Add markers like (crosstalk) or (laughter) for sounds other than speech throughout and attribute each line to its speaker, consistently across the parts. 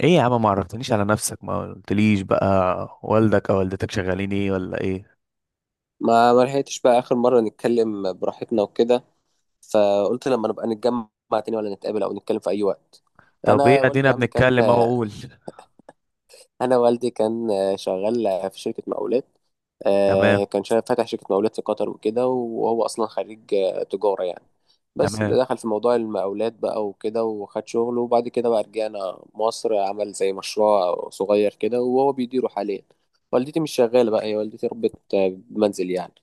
Speaker 1: ايه يا عم، ما عرفتنيش على نفسك، ما قلتليش بقى والدك او والدتك شغالين ايه ولا ايه؟
Speaker 2: ما لحقتش بقى اخر مره نتكلم براحتنا وكده، فقلت لما نبقى نتجمع تاني، ولا نتقابل او نتكلم في اي وقت.
Speaker 1: طب ايه،
Speaker 2: انا والدي
Speaker 1: ادينا
Speaker 2: يا عم كان
Speaker 1: بنتكلم اهو، قول.
Speaker 2: انا والدي كان شغال في شركه مقاولات.
Speaker 1: تمام.
Speaker 2: كان شغال فاتح شركه مقاولات في قطر وكده، وهو اصلا خريج تجاره يعني. بس
Speaker 1: تمام.
Speaker 2: دخل في موضوع المقاولات بقى وكده وخد شغل، وبعد كده بقى رجعنا مصر، عمل زي مشروع صغير كده وهو بيديره حاليا. والدتي مش شغاله بقى، هي والدتي ربت بمنزل يعني.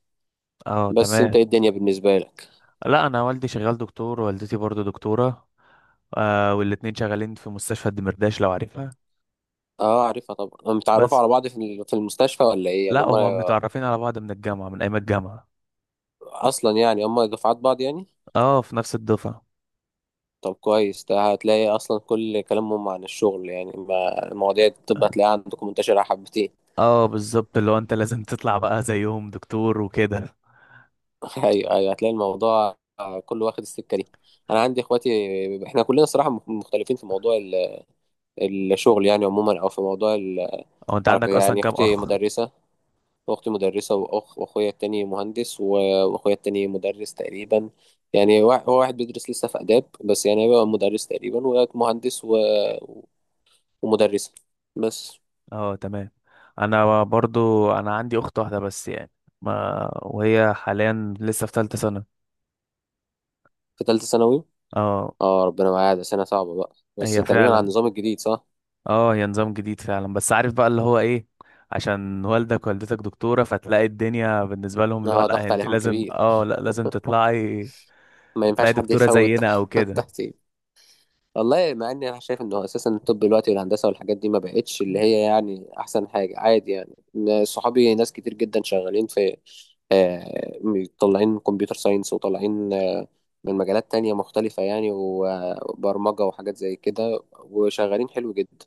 Speaker 1: اه،
Speaker 2: بس انت
Speaker 1: تمام.
Speaker 2: ايه الدنيا بالنسبه لك؟
Speaker 1: لا، انا والدي شغال دكتور، والدتي برضو دكتورة. والاتنين شغالين في مستشفى الدمرداش لو عارفها.
Speaker 2: اه عارفها طبعا. هم متعرفوا
Speaker 1: بس.
Speaker 2: على بعض في في المستشفى، ولا ايه يعني
Speaker 1: لا،
Speaker 2: هم
Speaker 1: هما متعرفين على بعض من الجامعة، من ايام الجامعة.
Speaker 2: اصلا؟ يعني هم دفعات بعض يعني؟
Speaker 1: اه، في نفس الدفعة.
Speaker 2: طب كويس، ده هتلاقي اصلا كل كلامهم عن الشغل يعني، ما المواضيع دي الطب هتلاقيها عندكم منتشرة حبتين.
Speaker 1: اه، بالظبط، اللي هو انت لازم تطلع بقى زيهم دكتور وكده.
Speaker 2: (laughs) ايوه ايوه، هتلاقي الموضوع كله واخد السكة دي. انا عندي اخواتي، احنا كلنا صراحة مختلفين في موضوع الشغل يعني عموما، او في موضوع
Speaker 1: هو انت
Speaker 2: الحركة
Speaker 1: عندك اصلا
Speaker 2: يعني.
Speaker 1: كام
Speaker 2: اختي
Speaker 1: اخ؟
Speaker 2: مدرسة، واختي مدرسة وأخ وأخويا التاني مهندس وأخويا التاني مدرس تقريبا يعني، هو واحد بيدرس لسه في آداب، بس يعني هيبقى مدرس تقريبا. ومهندس ومدرسة بس.
Speaker 1: اه، تمام. انا برضو، انا عندي اخت واحده بس يعني، ما وهي حاليا لسه في ثالثه سنه.
Speaker 2: في تالتة ثانوي.
Speaker 1: اه،
Speaker 2: اه، ربنا معايا، ده سنة صعبة بقى، بس
Speaker 1: هي
Speaker 2: تقريبا على
Speaker 1: فعلا.
Speaker 2: النظام الجديد صح؟
Speaker 1: اه، هي نظام جديد فعلا، بس عارف بقى اللي هو ايه. عشان والدك والدتك دكتوره، فتلاقي الدنيا بالنسبه لهم اللي هو
Speaker 2: اه،
Speaker 1: لا،
Speaker 2: ضغط
Speaker 1: انت
Speaker 2: عليهم
Speaker 1: لازم،
Speaker 2: كبير،
Speaker 1: لا، لازم تطلعي.
Speaker 2: ما
Speaker 1: تطلعي
Speaker 2: ينفعش حد
Speaker 1: دكتوره
Speaker 2: يفوت.
Speaker 1: زينا او
Speaker 2: (laughs)
Speaker 1: كده.
Speaker 2: تحت. والله مع اني انا شايف انه اساسا الطب دلوقتي والهندسه والحاجات دي ما بقتش اللي هي يعني احسن حاجه، عادي يعني. إن صحابي ناس كتير جدا شغالين في آه، طالعين كمبيوتر ساينس، وطالعين من مجالات تانية مختلفة يعني، وبرمجة وحاجات زي كده، وشغالين حلو جدا.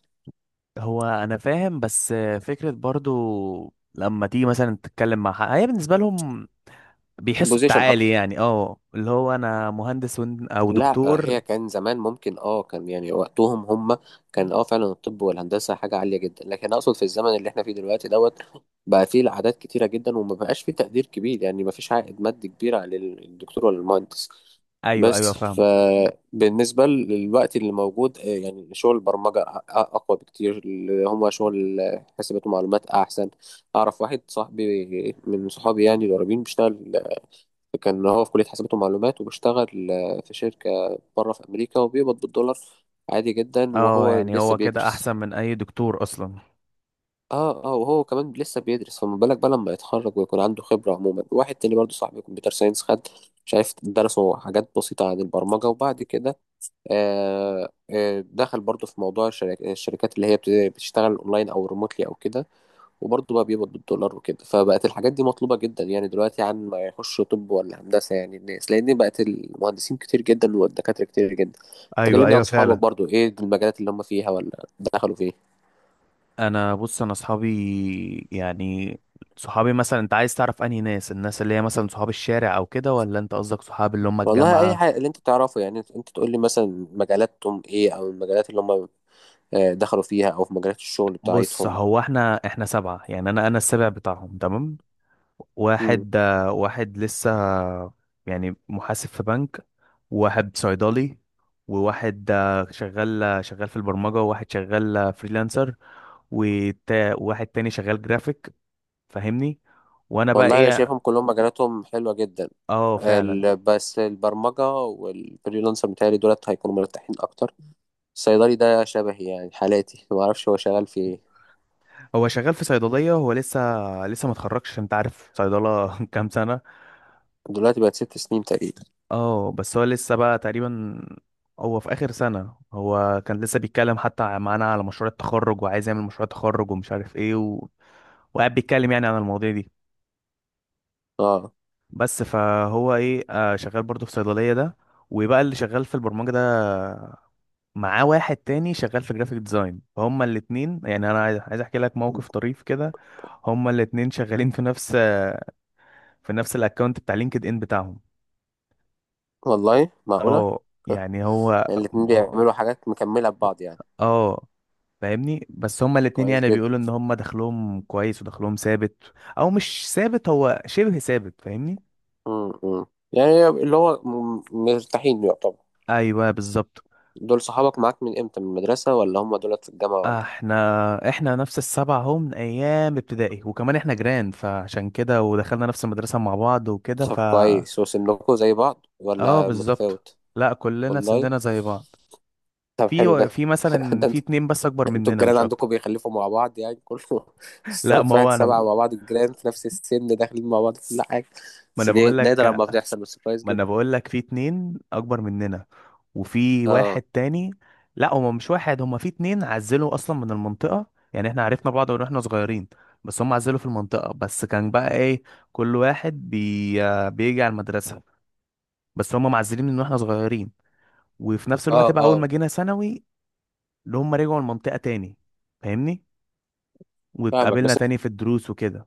Speaker 1: هو انا فاهم، بس فكره برضو، لما تيجي مثلا تتكلم مع حد، هي بالنسبه لهم بيحسوا
Speaker 2: بوزيشن
Speaker 1: التعالي،
Speaker 2: أكتر.
Speaker 1: يعني اه، اللي هو انا مهندس، او
Speaker 2: لا
Speaker 1: دكتور.
Speaker 2: هي كان زمان ممكن، اه كان يعني وقتهم هم كان اه فعلا الطب والهندسه حاجه عاليه جدا، لكن اقصد في الزمن اللي احنا فيه دلوقتي دوت بقى فيه العادات كتيره جدا، وما بقاش فيه تقدير كبير يعني، ما فيش عائد مادي كبير على الدكتور ولا المهندس.
Speaker 1: ايوه،
Speaker 2: بس
Speaker 1: ايوه، فاهمك.
Speaker 2: فبالنسبه للوقت اللي موجود يعني شغل البرمجه اقوى بكتير، اللي هم شغل حاسبات ومعلومات احسن. اعرف واحد صاحبي من صحابي يعني القريبين بيشتغل، كان هو في كلية حسابات ومعلومات، وبيشتغل في شركة بره في أمريكا، وبيقبض بالدولار عادي جدا،
Speaker 1: اه،
Speaker 2: وهو
Speaker 1: يعني
Speaker 2: لسه
Speaker 1: هو كده
Speaker 2: بيدرس.
Speaker 1: احسن من اي دكتور اصلا.
Speaker 2: اه اه، وهو كمان لسه بيدرس، فما بالك بقى لما يتخرج ويكون عنده خبرة. عموما واحد تاني برضه صاحبي كمبيوتر ساينس، خد شايف درسوا حاجات بسيطة عن البرمجة، وبعد كده دخل برضه في موضوع الشركات اللي هي بتشتغل اونلاين او ريموتلي او كده، وبرضه بقى بيقبض بالدولار وكده. فبقت الحاجات دي مطلوبة جدا يعني دلوقتي، عن ما يخش طب ولا هندسة يعني الناس، لأن بقت المهندسين كتير جدا والدكاترة كتير جدا.
Speaker 1: ايوه،
Speaker 2: تكلمني عن
Speaker 1: ايوه،
Speaker 2: صحابك
Speaker 1: فعلا.
Speaker 2: برضه، إيه المجالات اللي هم فيها ولا دخلوا فيه؟
Speaker 1: انا، بص، انا صحابي يعني، صحابي مثلا انت عايز تعرف انهي ناس، الناس اللي هي مثلا صحاب الشارع او كده، ولا انت قصدك صحاب اللي هم
Speaker 2: والله أي
Speaker 1: الجامعة؟
Speaker 2: حاجة اللي أنت تعرفه يعني، أنت تقول لي مثلا مجالاتهم إيه، أو المجالات اللي هم دخلوا فيها، أو في مجالات الشغل
Speaker 1: بص،
Speaker 2: بتاعتهم.
Speaker 1: هو احنا سبعة يعني، انا السابع بتاعهم، تمام.
Speaker 2: مم.
Speaker 1: واحد لسه، يعني محاسب في بنك. وواحد صيدلي. وواحد شغال في البرمجة. وواحد شغال فريلانسر. وواحد تاني شغال جرافيك. فاهمني؟ وانا بقى
Speaker 2: والله أنا
Speaker 1: ايه؟
Speaker 2: شايفهم كلهم مجالاتهم حلوة جدا.
Speaker 1: اه، فعلا.
Speaker 2: بس البرمجة والفريلانسر بتاعي دولت هيكونوا مرتاحين أكتر. الصيدلي ده شبهي يعني حالاتي، ما اعرفش هو شغال في ايه
Speaker 1: هو شغال في صيدليه، هو لسه ما اتخرجش، عشان انت عارف صيدله (laughs) كام سنه؟
Speaker 2: دلوقتي. بقت ست سنين تقريبا.
Speaker 1: اه، بس هو لسه بقى تقريبا. هو في اخر سنه، هو كان لسه بيتكلم حتى معانا على مشروع التخرج، وعايز يعمل مشروع تخرج، ومش عارف ايه وقاعد بيتكلم يعني عن المواضيع دي.
Speaker 2: اه.
Speaker 1: بس فهو ايه، شغال برضه في صيدليه ده. وبقى اللي شغال في البرمجه ده، معاه واحد تاني شغال في جرافيك ديزاين، فهما الاتنين يعني، انا عايز احكي لك موقف طريف كده. هما الاتنين شغالين في نفس الاكونت بتاع لينكد ان بتاعهم.
Speaker 2: والله معقولة؟
Speaker 1: اه.
Speaker 2: (laughs)
Speaker 1: يعني هو.
Speaker 2: الاتنين بيعملوا حاجات مكملة ببعض يعني.
Speaker 1: اه، فاهمني، بس هما الاتنين
Speaker 2: كويس
Speaker 1: يعني
Speaker 2: جدا.
Speaker 1: بيقولوا ان هما دخلهم كويس ودخلهم ثابت. او مش ثابت، هو شبه ثابت، فاهمني.
Speaker 2: امم يعني اللي هو مرتاحين يعتبر.
Speaker 1: ايوه، بالظبط.
Speaker 2: دول صحابك معاك من امتى؟ من المدرسة، ولا هم دول في الجامعة، ولا إيه؟
Speaker 1: احنا نفس السبعة، هم من ايام ابتدائي، وكمان احنا جيران، فعشان كده ودخلنا نفس المدرسة مع بعض وكده.
Speaker 2: طب كويس، وسنكوا زي بعض
Speaker 1: اه،
Speaker 2: ولا
Speaker 1: بالظبط.
Speaker 2: متفاوت؟
Speaker 1: لا، كلنا
Speaker 2: والله.
Speaker 1: سننا زي بعض.
Speaker 2: طب حلو
Speaker 1: في
Speaker 2: ده.
Speaker 1: في
Speaker 2: (laughs)
Speaker 1: مثلا
Speaker 2: ده
Speaker 1: في اتنين بس اكبر
Speaker 2: انتوا
Speaker 1: مننا،
Speaker 2: الجيران
Speaker 1: مش اكتر.
Speaker 2: عندكم بيخلفوا مع بعض يعني كله؟ (laughs)
Speaker 1: (laughs) لا،
Speaker 2: السبب
Speaker 1: ما
Speaker 2: في واحد
Speaker 1: هو انا،
Speaker 2: سبعة مع بعض، الجيران في نفس السن داخلين مع بعض في كل حاجة،
Speaker 1: ما
Speaker 2: بس
Speaker 1: انا
Speaker 2: دي
Speaker 1: بقول
Speaker 2: نادر
Speaker 1: لك،
Speaker 2: لما بتحصل، بس كويس
Speaker 1: ما انا
Speaker 2: جدا.
Speaker 1: بقول لك في اتنين اكبر مننا. وفي واحد
Speaker 2: اه
Speaker 1: تاني. لا، هما مش واحد، هما في اتنين عزلوا اصلا من المنطقة. يعني احنا عرفنا بعض من واحنا صغيرين. بس هم عزلوا في المنطقة، بس كان بقى ايه، كل واحد بي... آه، بيجي على المدرسة. بس هم معزلين من واحنا صغيرين. وفي نفس
Speaker 2: اه
Speaker 1: الوقت بقى اول ما
Speaker 2: اه،
Speaker 1: جينا ثانوي، اللي هم رجعوا المنطقة تاني. فاهمني؟
Speaker 2: فاهمك
Speaker 1: واتقابلنا
Speaker 2: بس.
Speaker 1: تاني في الدروس وكده.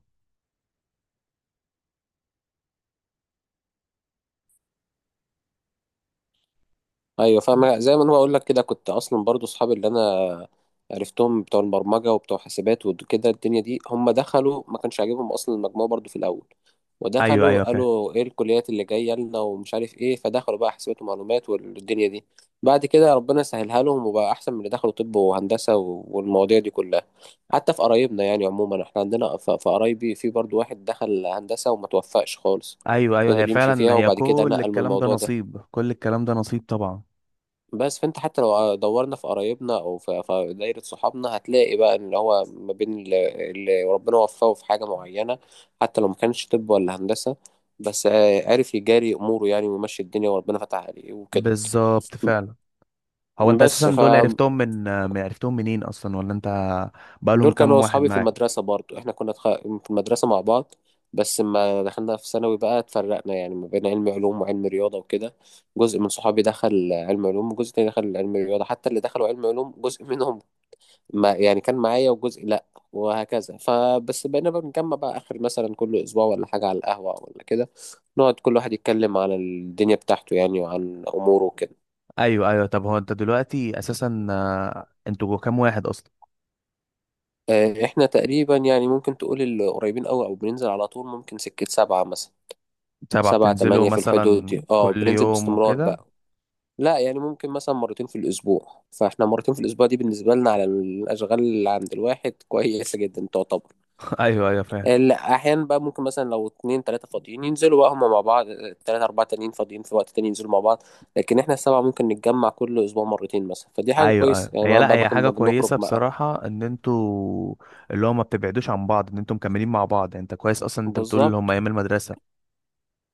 Speaker 2: ايوه فاهم، زي ما انا بقول لك كده، كنت اصلا برضو اصحابي اللي انا عرفتهم بتوع البرمجه وبتوع حاسبات وكده الدنيا دي، هم دخلوا ما كانش عاجبهم اصلا المجموع برضو في الاول،
Speaker 1: ايوه، ايوه،
Speaker 2: ودخلوا
Speaker 1: فاهم.
Speaker 2: قالوا ايه الكليات اللي جايه لنا ومش عارف ايه، فدخلوا بقى حاسبات ومعلومات والدنيا دي. بعد كده ربنا سهلها لهم وبقى احسن من اللي دخلوا طب وهندسه والمواضيع دي كلها. حتى في قرايبنا يعني عموما، احنا عندنا في قرايبي في برضو واحد دخل هندسه وما توفقش خالص،
Speaker 1: ايوه، ايوه، هي
Speaker 2: فضل يمشي
Speaker 1: فعلا،
Speaker 2: فيها
Speaker 1: هي
Speaker 2: وبعد كده
Speaker 1: كل
Speaker 2: نقل من
Speaker 1: الكلام ده
Speaker 2: الموضوع ده.
Speaker 1: نصيب، كل الكلام ده نصيب طبعا.
Speaker 2: بس فانت حتى لو دورنا في قرايبنا او في في دايره صحابنا، هتلاقي بقى ان هو ما بين اللي ربنا وفقه في حاجه معينه، حتى لو ما كانش طب ولا هندسه، بس عارف يجاري اموره يعني ويمشي الدنيا وربنا فتح عليه وكده.
Speaker 1: بالظبط، فعلا. هو انت اساسا
Speaker 2: بس
Speaker 1: دول
Speaker 2: فدول
Speaker 1: عرفتهم منين اصلا، ولا انت بقالهم
Speaker 2: كانوا
Speaker 1: كام واحد
Speaker 2: اصحابي في
Speaker 1: معاك؟
Speaker 2: المدرسه برضو، احنا كنا في المدرسه مع بعض، بس لما دخلنا في ثانوي بقى اتفرقنا، يعني ما بين علم علوم وعلم رياضه وكده. جزء من صحابي دخل علم علوم، وجزء تاني دخل علم رياضه، حتى اللي دخلوا علم علوم جزء منهم ما يعني كان معايا وجزء لا، وهكذا. فبس بقينا بقى بنجمع بقى اخر مثلا كل اسبوع ولا حاجه على القهوه ولا كده، نقعد كل واحد يتكلم على الدنيا بتاعته يعني، وعن اموره وكده.
Speaker 1: ايوه، ايوه، طب هو انت دلوقتي اساسا، انتوا كام واحد اصلا؟
Speaker 2: احنا تقريبا يعني ممكن تقول القريبين قوي او بننزل على طول ممكن سكه سبعة مثلا.
Speaker 1: سبعة
Speaker 2: سبعة
Speaker 1: بتنزلوا
Speaker 2: تمانية في الحدود
Speaker 1: مثلا
Speaker 2: دي، اه
Speaker 1: كل
Speaker 2: بننزل
Speaker 1: يوم
Speaker 2: باستمرار
Speaker 1: وكده؟
Speaker 2: بقى. لا يعني ممكن مثلا مرتين في الاسبوع، فاحنا مرتين في الاسبوع دي بالنسبه لنا على الاشغال اللي عند الواحد كويسه جدا تعتبر.
Speaker 1: (laughs) ايوه، ايوه، فاهم.
Speaker 2: لا احيانا بقى ممكن مثلا لو اتنين تلاتة فاضيين ينزلوا بقى هما مع بعض، تلاتة اربعة تانيين فاضيين في وقت تاني ينزلوا مع بعض، لكن احنا السبعة ممكن نتجمع كل اسبوع مرتين مثلا، فدي حاجة
Speaker 1: ايوه، ايوه،
Speaker 2: كويسة يعني،
Speaker 1: هي
Speaker 2: ما
Speaker 1: لا،
Speaker 2: بقى
Speaker 1: هي حاجه
Speaker 2: ما بنخرج
Speaker 1: كويسه
Speaker 2: بقى.
Speaker 1: بصراحه، ان انتوا اللي هو ما بتبعدوش عن بعض، ان انتوا مكملين مع بعض، يعني انت كويس اصلا، انت بتقول اللي هم
Speaker 2: بالظبط.
Speaker 1: ايام المدرسه،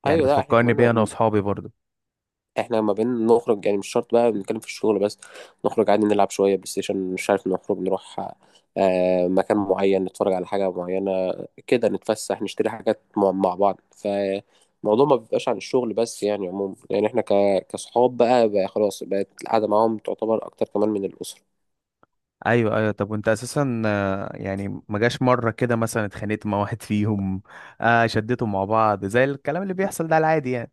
Speaker 1: يعني
Speaker 2: ايوه لا احنا
Speaker 1: بتفكرني
Speaker 2: كمان،
Speaker 1: بيها انا واصحابي برضو.
Speaker 2: احنا ما بين نخرج يعني مش شرط بقى بنتكلم في الشغل بس، نخرج عادي نلعب شوية بلاي ستيشن، مش عارف نخرج نروح مكان معين نتفرج على حاجة معينة كده، نتفسح نشتري حاجات مع بعض. فالموضوع ما بيبقاش عن الشغل بس يعني، عموما يعني احنا كصحاب بقى, بقى خلاص بقت القعدة معاهم تعتبر أكتر كمان من الأسرة.
Speaker 1: ايوه، ايوه، طب وانت اساسا، يعني ما جاش مره كده مثلا اتخانقت مع (laughs) واحد فيهم؟ شديتوا مع بعض زي الكلام اللي بيحصل ده، العادي يعني.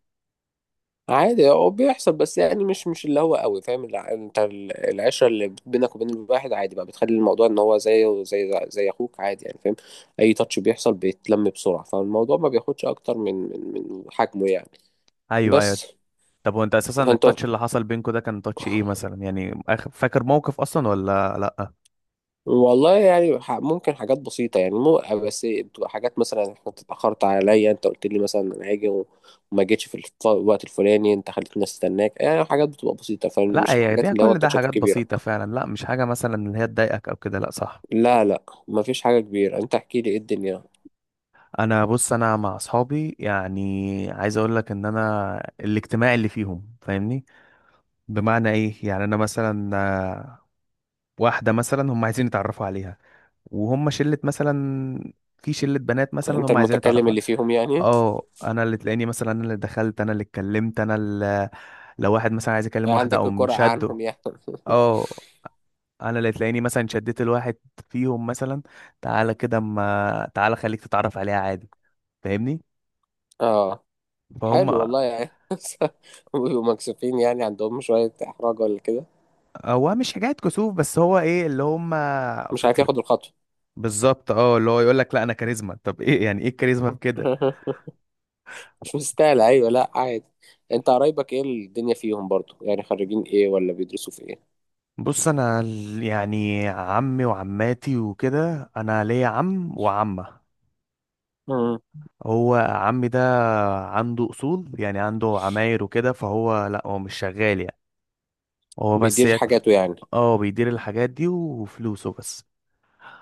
Speaker 2: عادي هو بيحصل، بس يعني مش اللي هو قوي فاهم انت العشره اللي بينك وبين الواحد عادي بقى بتخلي الموضوع ان هو زيه زي اخوك عادي يعني فاهم. اي تاتش بيحصل بيتلم بسرعه، فالموضوع ما بياخدش اكتر من حجمه يعني.
Speaker 1: ايوه، ايوه،
Speaker 2: بس
Speaker 1: طب وانت اساسا
Speaker 2: فانت.
Speaker 1: التاتش اللي حصل بينكوا ده كان تاتش ايه مثلا، يعني فاكر موقف اصلا ولا لا؟
Speaker 2: والله يعني ممكن حاجات بسيطه يعني، مو بس بتبقى حاجات مثلا انت اتاخرت عليا، انت قلت لي مثلا انا هاجي وما جيتش في الوقت الفلاني، انت خليتني استناك يعني. حاجات بتبقى بسيطه،
Speaker 1: لا،
Speaker 2: فمش
Speaker 1: هي
Speaker 2: الحاجات
Speaker 1: دي
Speaker 2: اللي هو
Speaker 1: كل ده
Speaker 2: التاتشات
Speaker 1: حاجات
Speaker 2: الكبيره.
Speaker 1: بسيطه فعلا، لا مش حاجه مثلا اللي هي تضايقك او كده، لا صح.
Speaker 2: لا لا مفيش حاجة كبيرة، انت احكي لي ايه الدنيا.
Speaker 1: انا، بص، انا مع اصحابي يعني، عايز اقول لك ان انا الاجتماع اللي فيهم، فاهمني. بمعنى ايه؟ يعني انا مثلا واحده مثلا هم عايزين يتعرفوا عليها، وهم شله مثلا، في شله بنات مثلا
Speaker 2: انت
Speaker 1: هم عايزين
Speaker 2: المتكلم
Speaker 1: يتعرفوا
Speaker 2: اللي فيهم يعني؟
Speaker 1: اه، انا اللي تلاقيني مثلا، انا اللي دخلت، انا اللي اتكلمت، انا اللي لو واحد مثلا عايز يكلم واحده
Speaker 2: عندك
Speaker 1: او
Speaker 2: القرعة
Speaker 1: مشده،
Speaker 2: عنهم يعني؟
Speaker 1: اه، انا اللي تلاقيني مثلا شديت الواحد فيهم مثلا، تعالى كده، ما تعالى خليك تتعرف عليها، عادي. فاهمني؟
Speaker 2: اه
Speaker 1: فهم.
Speaker 2: حلو والله يعني. (laughs) بيبقوا مكسوفين يعني، عندهم شوية احراج ولا كده؟
Speaker 1: هو مش حكاية كسوف، بس هو ايه اللي هم،
Speaker 2: مش عارف
Speaker 1: فاكر،
Speaker 2: ياخد الخطوة.
Speaker 1: بالظبط، اه، اللي هو يقول لك لا، انا كاريزما، طب ايه يعني؟ ايه الكاريزما في كده؟
Speaker 2: (laughs) مش مستاهل. ايوه لا عادي. انت قرايبك ايه الدنيا فيهم برضو يعني، خريجين ايه ولا بيدرسوا في ايه؟
Speaker 1: بص، انا يعني عمي وعماتي وكده، انا ليا عم وعمه.
Speaker 2: مم.
Speaker 1: هو عمي ده، عنده اصول، يعني عنده عماير وكده، فهو لا، هو مش شغال يعني، هو بس
Speaker 2: بيدير
Speaker 1: يكفي.
Speaker 2: حاجاته يعني.
Speaker 1: اه، بيدير الحاجات دي وفلوسه بس.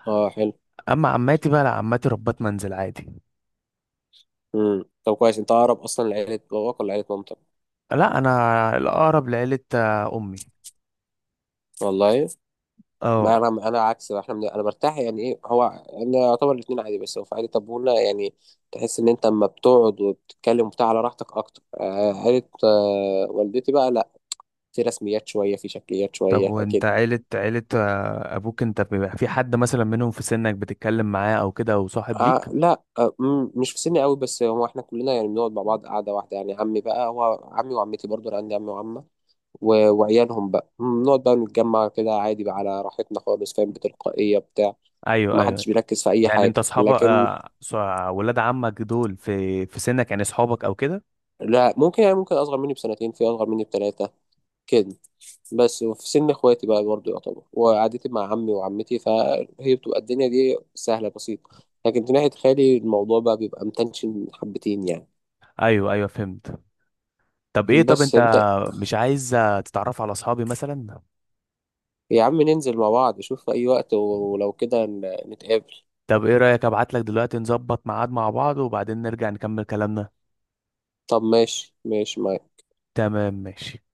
Speaker 2: اه حلو.
Speaker 1: اما عماتي بقى لا، عماتي ربات منزل عادي.
Speaker 2: مم. طب كويس، انت اقرب اصلا لعيلة باباك ولا عيلة مامتك؟
Speaker 1: لا، انا الاقرب لعيلة امي.
Speaker 2: والله. ما
Speaker 1: اه.
Speaker 2: انا انا عكس بقى، احنا انا برتاح يعني. ايه هو انا يعتبر الاتنين عادي، بس هو في عائله طبولة يعني، تحس ان انت اما بتقعد وبتتكلم وبتاع على راحتك اكتر، عائله والدتي بقى لا، في رسميات شويه، في شكليات
Speaker 1: طب
Speaker 2: شويه
Speaker 1: وانت،
Speaker 2: كده.
Speaker 1: عيلة ابوك، انت بيبقى في حد مثلا منهم في سنك بتتكلم معاه او كده، او صاحب ليك؟
Speaker 2: آه لا آه مم، مش في سني قوي، بس هو احنا كلنا يعني بنقعد مع بعض قعده واحده يعني. عمي بقى هو عمي وعمتي برضو، انا عندي عمي وعمه وعيالهم بقى بنقعد بقى نتجمع كده عادي بقى على راحتنا خالص، فاهم، بتلقائيه بتاع.
Speaker 1: ايوه،
Speaker 2: ما
Speaker 1: ايوه.
Speaker 2: حدش بيركز في اي
Speaker 1: يعني انت
Speaker 2: حاجه
Speaker 1: اصحاب،
Speaker 2: لكن.
Speaker 1: ولاد عمك دول في سنك، يعني اصحابك او كده؟
Speaker 2: لا ممكن يعني، ممكن اصغر مني بسنتين، في اصغر مني بثلاثه كده. بس في سن اخواتي بقى برضه يعتبر، وقعدتي مع عمي وعمتي فهي بتبقى الدنيا دي سهله بسيطه، لكن في ناحيه خالي الموضوع بقى بيبقى متنشن حبتين يعني.
Speaker 1: ايوه، ايوه، فهمت. طب ايه، طب
Speaker 2: بس
Speaker 1: انت
Speaker 2: انت.
Speaker 1: مش عايز تتعرف على اصحابي مثلا؟
Speaker 2: يا عم ننزل مع بعض، شوف في اي وقت، ولو كده نتقابل.
Speaker 1: طب ايه رأيك، ابعت لك دلوقتي نظبط ميعاد مع بعض، وبعدين نرجع نكمل كلامنا؟
Speaker 2: طب ماشي ماشي ما
Speaker 1: تمام، ماشي.